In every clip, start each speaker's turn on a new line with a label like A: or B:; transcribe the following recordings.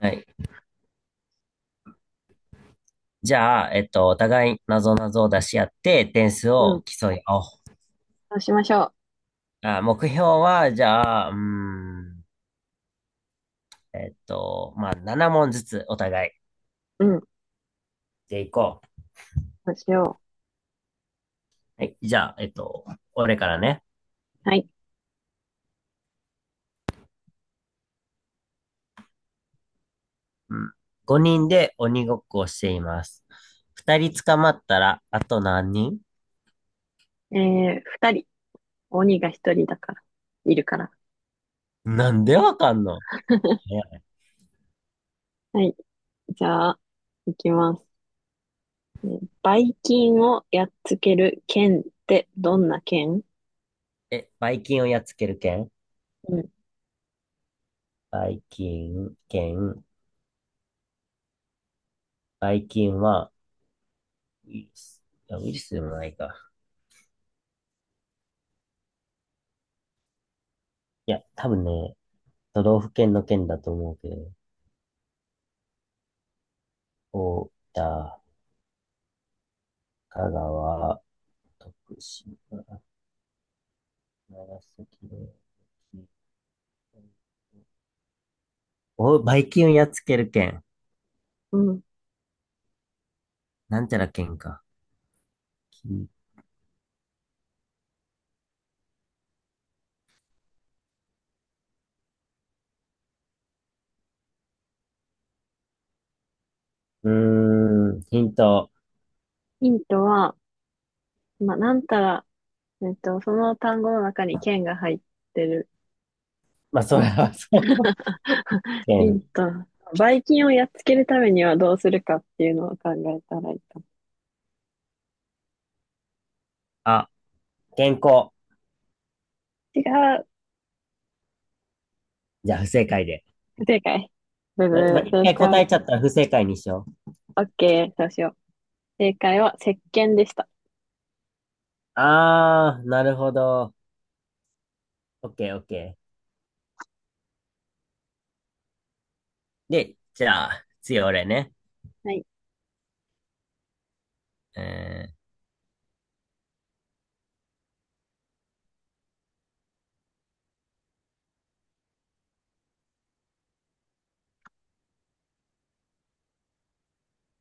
A: はい。じゃあ、お互い謎々を出し合って、点数
B: う
A: を
B: ん。
A: 競い合おう。
B: そうしましょ
A: あ、目標は、じゃあ、まあ、7問ずつお互い
B: う。うん。
A: でいこ
B: そうしよ
A: う。はい。じゃあ、俺からね。
B: う。はい。
A: うん。5人で鬼ごっこをしています。2人捕まったら、あと何人？
B: 二人。鬼が一人だから。いるから。
A: なんでわかんの？ 早い。
B: はい。じゃあ、いきます。ばい菌をやっつける剣ってどんな剣？
A: え、バイキンをやっつける剣？
B: うん。
A: バイキン、剣、バイキンは、ウイルス、いや、ウイルスでもないか。いや、多分ね、都道府県の県だと思うけど、大分、香川、徳島、長崎、お、バイキンをやっつける県。
B: うん。
A: なんちゃら県か。きうーん、ヒント。
B: ヒントは、まあ、なんたら、その単語の中に剣が入ってる
A: まあ、それ
B: な。
A: はそう。
B: ヒン
A: 県。
B: ト。ばい菌をやっつけるためにはどうするかっていうのを考えたらいいかも。
A: あ、健康。
B: 違う。
A: じゃあ、不正解で。
B: 不正解。ブブ
A: まあ
B: ー。
A: 一
B: 正
A: 回答え
B: 解。
A: ちゃったら不正解にしよう。
B: オッケー。そうしよう。正解は石鹸でした。
A: あー、なるほど。オッケー、オッケー。で、じゃあ、次俺ね。
B: はい。
A: え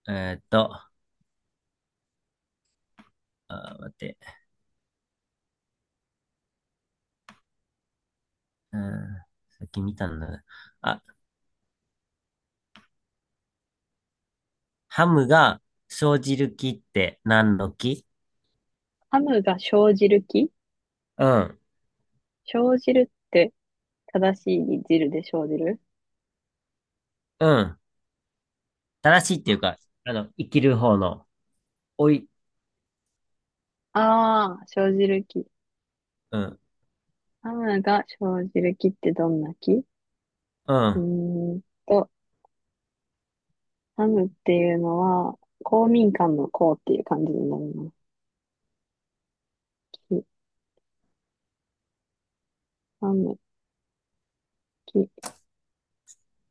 A: ー、えーっと、あ待って。うん。さっき見たんだ。あ、ハムが生じる木って何の木？
B: ハムが生じる木？
A: うん。
B: 生じるって？正しいに汁で生じる？
A: うん。正しいっていうか、生きる方の。おい。
B: ああー、生じる木。
A: うん。
B: ハムが生じる木ってどんな木？
A: う
B: ー
A: ん。
B: んと、ハムっていうのは、公民館の公っていう感じになるの。木、ハム、木。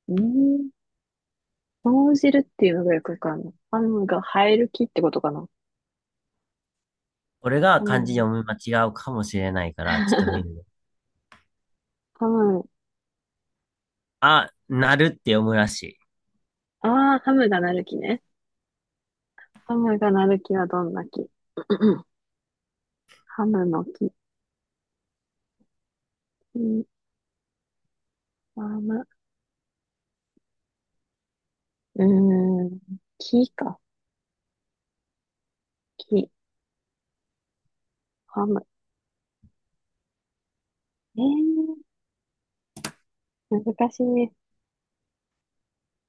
B: うーん、生じるっていうのがよくわかんない。ハムが生える木ってことかな？
A: 俺が
B: ハ
A: 漢
B: ム
A: 字
B: が。
A: 読み間違うかもしれないから、ちょっと見るね。
B: ハム、
A: あ、なるって読むらしい。
B: ああ、ハムがなる木ね。ハムがなる木はどんな木？ ハムの木、木、ハム。うーん、木か。木、ハム。えー、難しいね。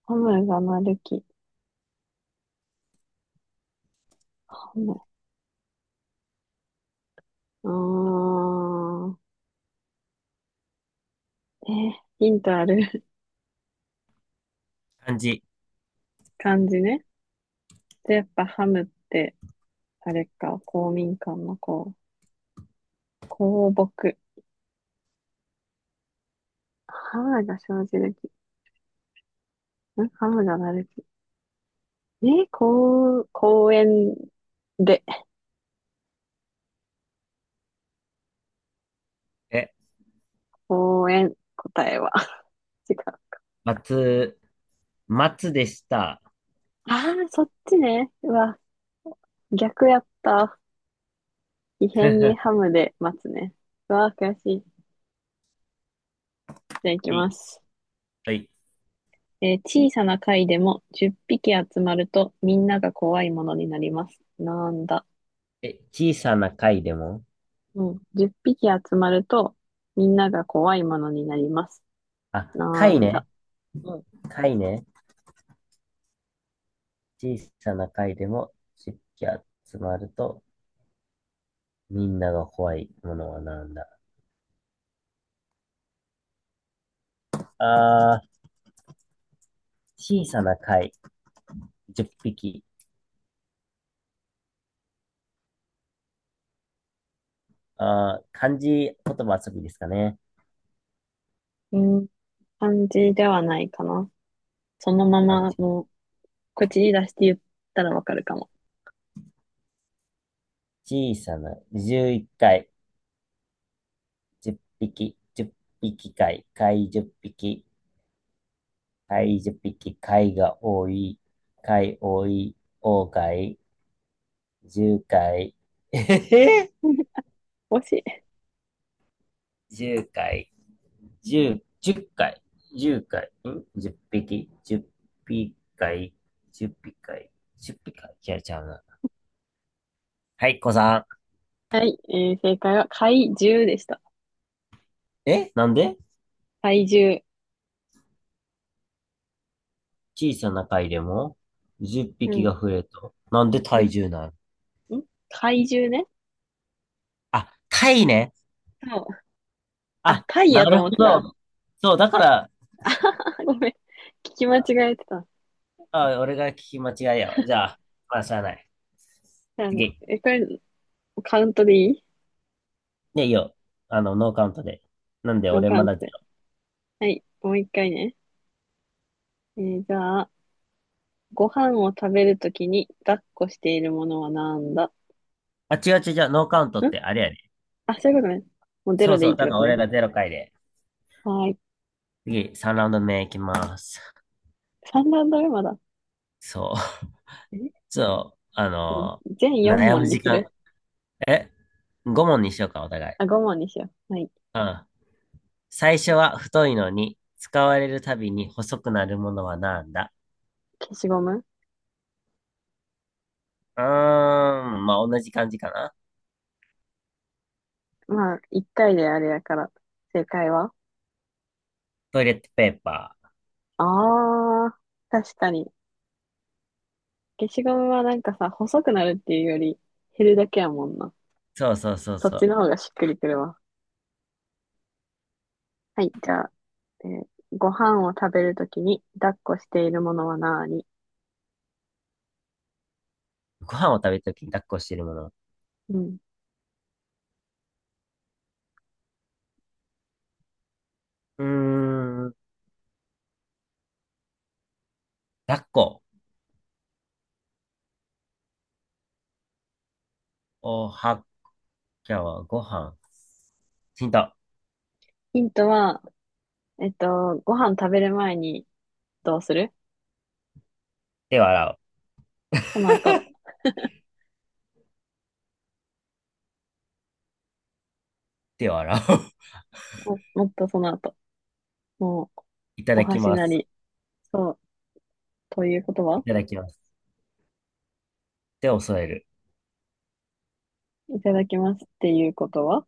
B: ハムがなる木、ハム。あー、えー、ヒントある？
A: 漢字。
B: 感じね。で、やっぱハムって、あれか、公民館の公、公木。ハムが生じる木。ハムがなる木。公園で、
A: え、
B: 公園、答えは。違う。
A: 松、松でした。
B: ああ、そっちね。うわ、逆やった。異変にハ
A: は
B: ムで待つね。うわあ、悔しい。じゃあ行き
A: い。
B: ます。
A: はい。
B: 小さな貝でも10匹集まるとみんなが怖いものになります。なんだ？
A: え、小さな貝でも、
B: うん。10匹集まるとみんなが怖いものになります。
A: あ、
B: な
A: 貝
B: ん
A: ね。
B: だ？うん。
A: 貝ね。小さな貝でも湿気集まると、みんなが怖いものはなんだ？あー、小さな貝、10匹。あー、漢字言葉遊びですかね。
B: うん。漢字ではないかな。そのま
A: あ、
B: まもう口に出して言ったらわかるかも。
A: 小さな、11貝10匹、10匹貝、貝10匹、貝10匹、貝が多い、貝多い、大貝、10回、えへへ
B: 惜しい。
A: 10回。10、10回、10回、ん ?10 匹、10匹回、10匹回、10匹回、違うちゃうな。はい、子さ
B: はい。正解は怪獣でした。
A: ん。なんで
B: 怪獣。
A: 小さな貝でも10
B: う
A: 匹
B: ん。
A: が増えると。なんで
B: で
A: 体重なの？
B: 怪獣ね。
A: あ、貝ね。
B: そう。あ、
A: あ、
B: 貝
A: な
B: やと
A: るほ
B: 思ってた。
A: ど。そう、だから、
B: ごめん。聞き間違えてた。
A: あ、俺が聞き間違いやわ。じゃあ、まあ、しゃあない。
B: じゃあね、
A: 次。
B: これ、カウントでいい？
A: ね、いいよ。ノーカウントで。なんで
B: ノー
A: 俺
B: カ
A: ま
B: ウン
A: だ
B: ト
A: ゼ
B: で。
A: ロ？
B: はい、もう一回ね。じゃあ、ご飯を食べるときに抱っこしているものはなんだ？
A: あ、違う違う違う、ノーカウントっ
B: ん
A: てあれやね。
B: あ、そういうことね。もうゼ
A: そう
B: ロでい
A: そ
B: い
A: う、
B: って
A: だか
B: こ
A: ら
B: と
A: 俺
B: ね。
A: がゼロ回で。
B: はーい。
A: 次、3ラウンド目いきます。
B: 3ランド目まだ。
A: そう。
B: じ
A: ちょっと、
B: ゃあ全4
A: 悩む
B: 問に
A: 時
B: す
A: 間。
B: る？
A: え ?5 問にしようか、お互い。
B: あ、5問にしよう。はい。
A: うん。最初は太いのに、使われるたびに細くなるものはなんだ？
B: 消しゴム。
A: うーん、まあ、同じ感じかな。
B: まあ、1回であれやから。正解は？
A: トイレットペーパー。
B: あー、確かに。消しゴムはなんかさ、細くなるっていうより減るだけやもんな。
A: そうそうそう
B: そっ
A: そ
B: ちの
A: う。
B: 方がしっくりくるわ。はい、じゃあ、えーご飯を食べるときに抱っこしているものは何？
A: ご飯を食べるときに抱っこしてるもの。
B: うん。
A: うーん、抱っこ。おはきゃはご飯。ヒント。
B: ヒントは、ご飯食べる前にどうする？
A: 手を洗う。
B: その後、
A: 手を洗う。
B: もっとその後、もう、
A: いた
B: お
A: だき
B: 箸
A: ま
B: な
A: す。
B: り、そう、ということ
A: い
B: は
A: ただきます。手を添える。
B: いただきますっていうことは。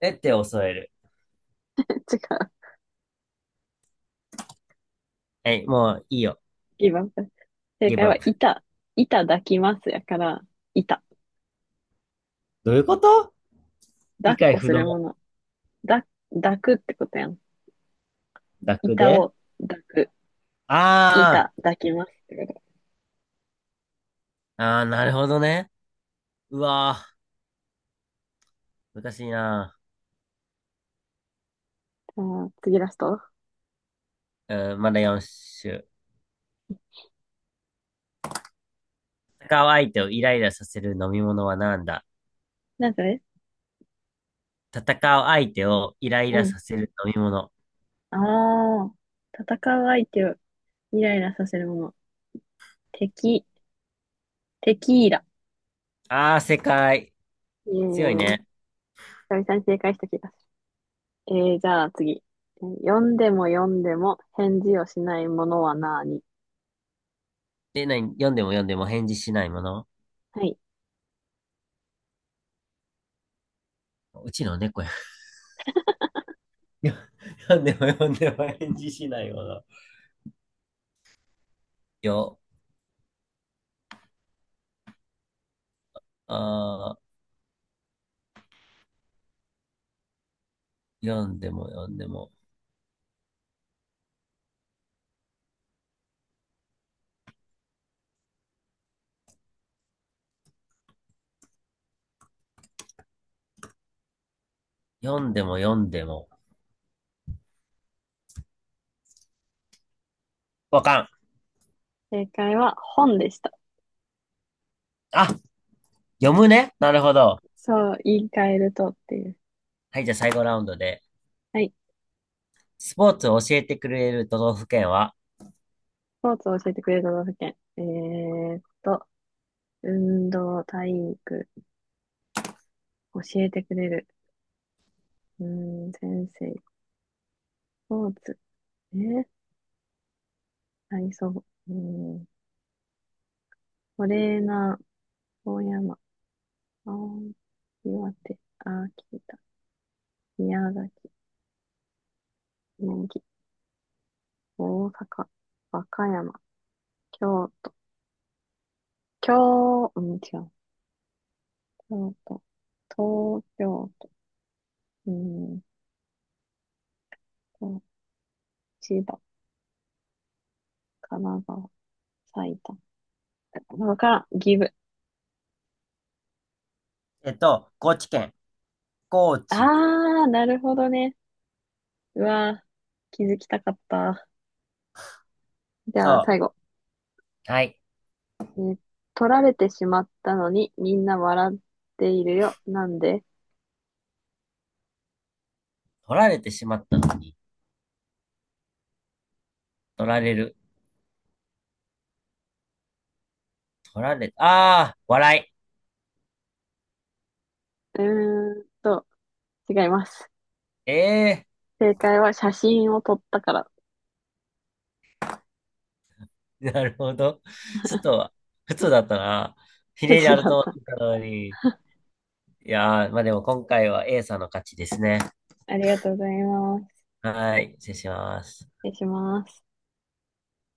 A: え、手を添える。
B: 違う。
A: はい、もういいよ。
B: 今、正
A: ギブ
B: 解
A: アッ
B: は、
A: プ。
B: 板。板抱きますやから、板。
A: どういうこと？
B: 抱
A: 理
B: っ
A: 解
B: こ
A: 不
B: す
A: 能。
B: るもの。だ、抱くってことやん。
A: 楽
B: 板
A: で。
B: を抱く。
A: あ
B: 板抱きますってこと。
A: ー、あー、なるほどね。うわー、難しいな。
B: あー、次ラスト。
A: うん、まだ4種。戦う相手をイライラさせる飲み物は何だ？
B: なんかね、
A: 戦う相手をイライラ
B: う
A: さ
B: ん。
A: せる飲み物。
B: ああ、戦う相手をイライラさせるもの。敵、テキーラ。
A: あー、正解。
B: え、エ
A: 強い
B: ー
A: ね。
B: さ久々に正解した気がする。じゃあ次。読んでも読んでも返事をしないものは何？
A: で、何？読んでも読んでも返事しないもの？
B: はい。
A: うちの猫や。読んでも読んでも返事しないもの。よ、あー、読んでも読んでも、読んでも読んでも。わかん。
B: 正解は本でした。
A: あ、読むね。なるほど。
B: そう、言い換えるとっていう。
A: はい、じゃあ最後ラウンドで。
B: はい。
A: スポーツを教えてくれる都道府県は？
B: スポーツを教えてくれる都道府県。運動、体育、教えてくれる。先生、スポーツ。えー体操、うん、トレーナー、遠山、青森、岩手、秋田、宮崎、宮城、大阪、和歌山、京、京、うん、違う、京都、東京都、うん、と千葉、神奈川、埼玉、わからん、岐阜。
A: 高知県。高知。
B: あー、なるほどね。うわー、気づきたかった。じゃあ、
A: そ
B: 最後。
A: う。はい。
B: えー取られてしまったのにみんな笑っているよ。なんで？
A: 取られてしまったのに。取られる。取られ、ああ、笑
B: うーんと、違います。
A: い。ええ
B: 正解は写真を撮ったから。
A: ー、なるほど。ちょっと、普通だったな。ひねり ある
B: だ
A: と
B: っ
A: 思
B: た。
A: ったのに。いやー、まあでも今回は A さんの勝ちですね。
B: ありがとうございます。
A: はい、失礼します。
B: 失礼します。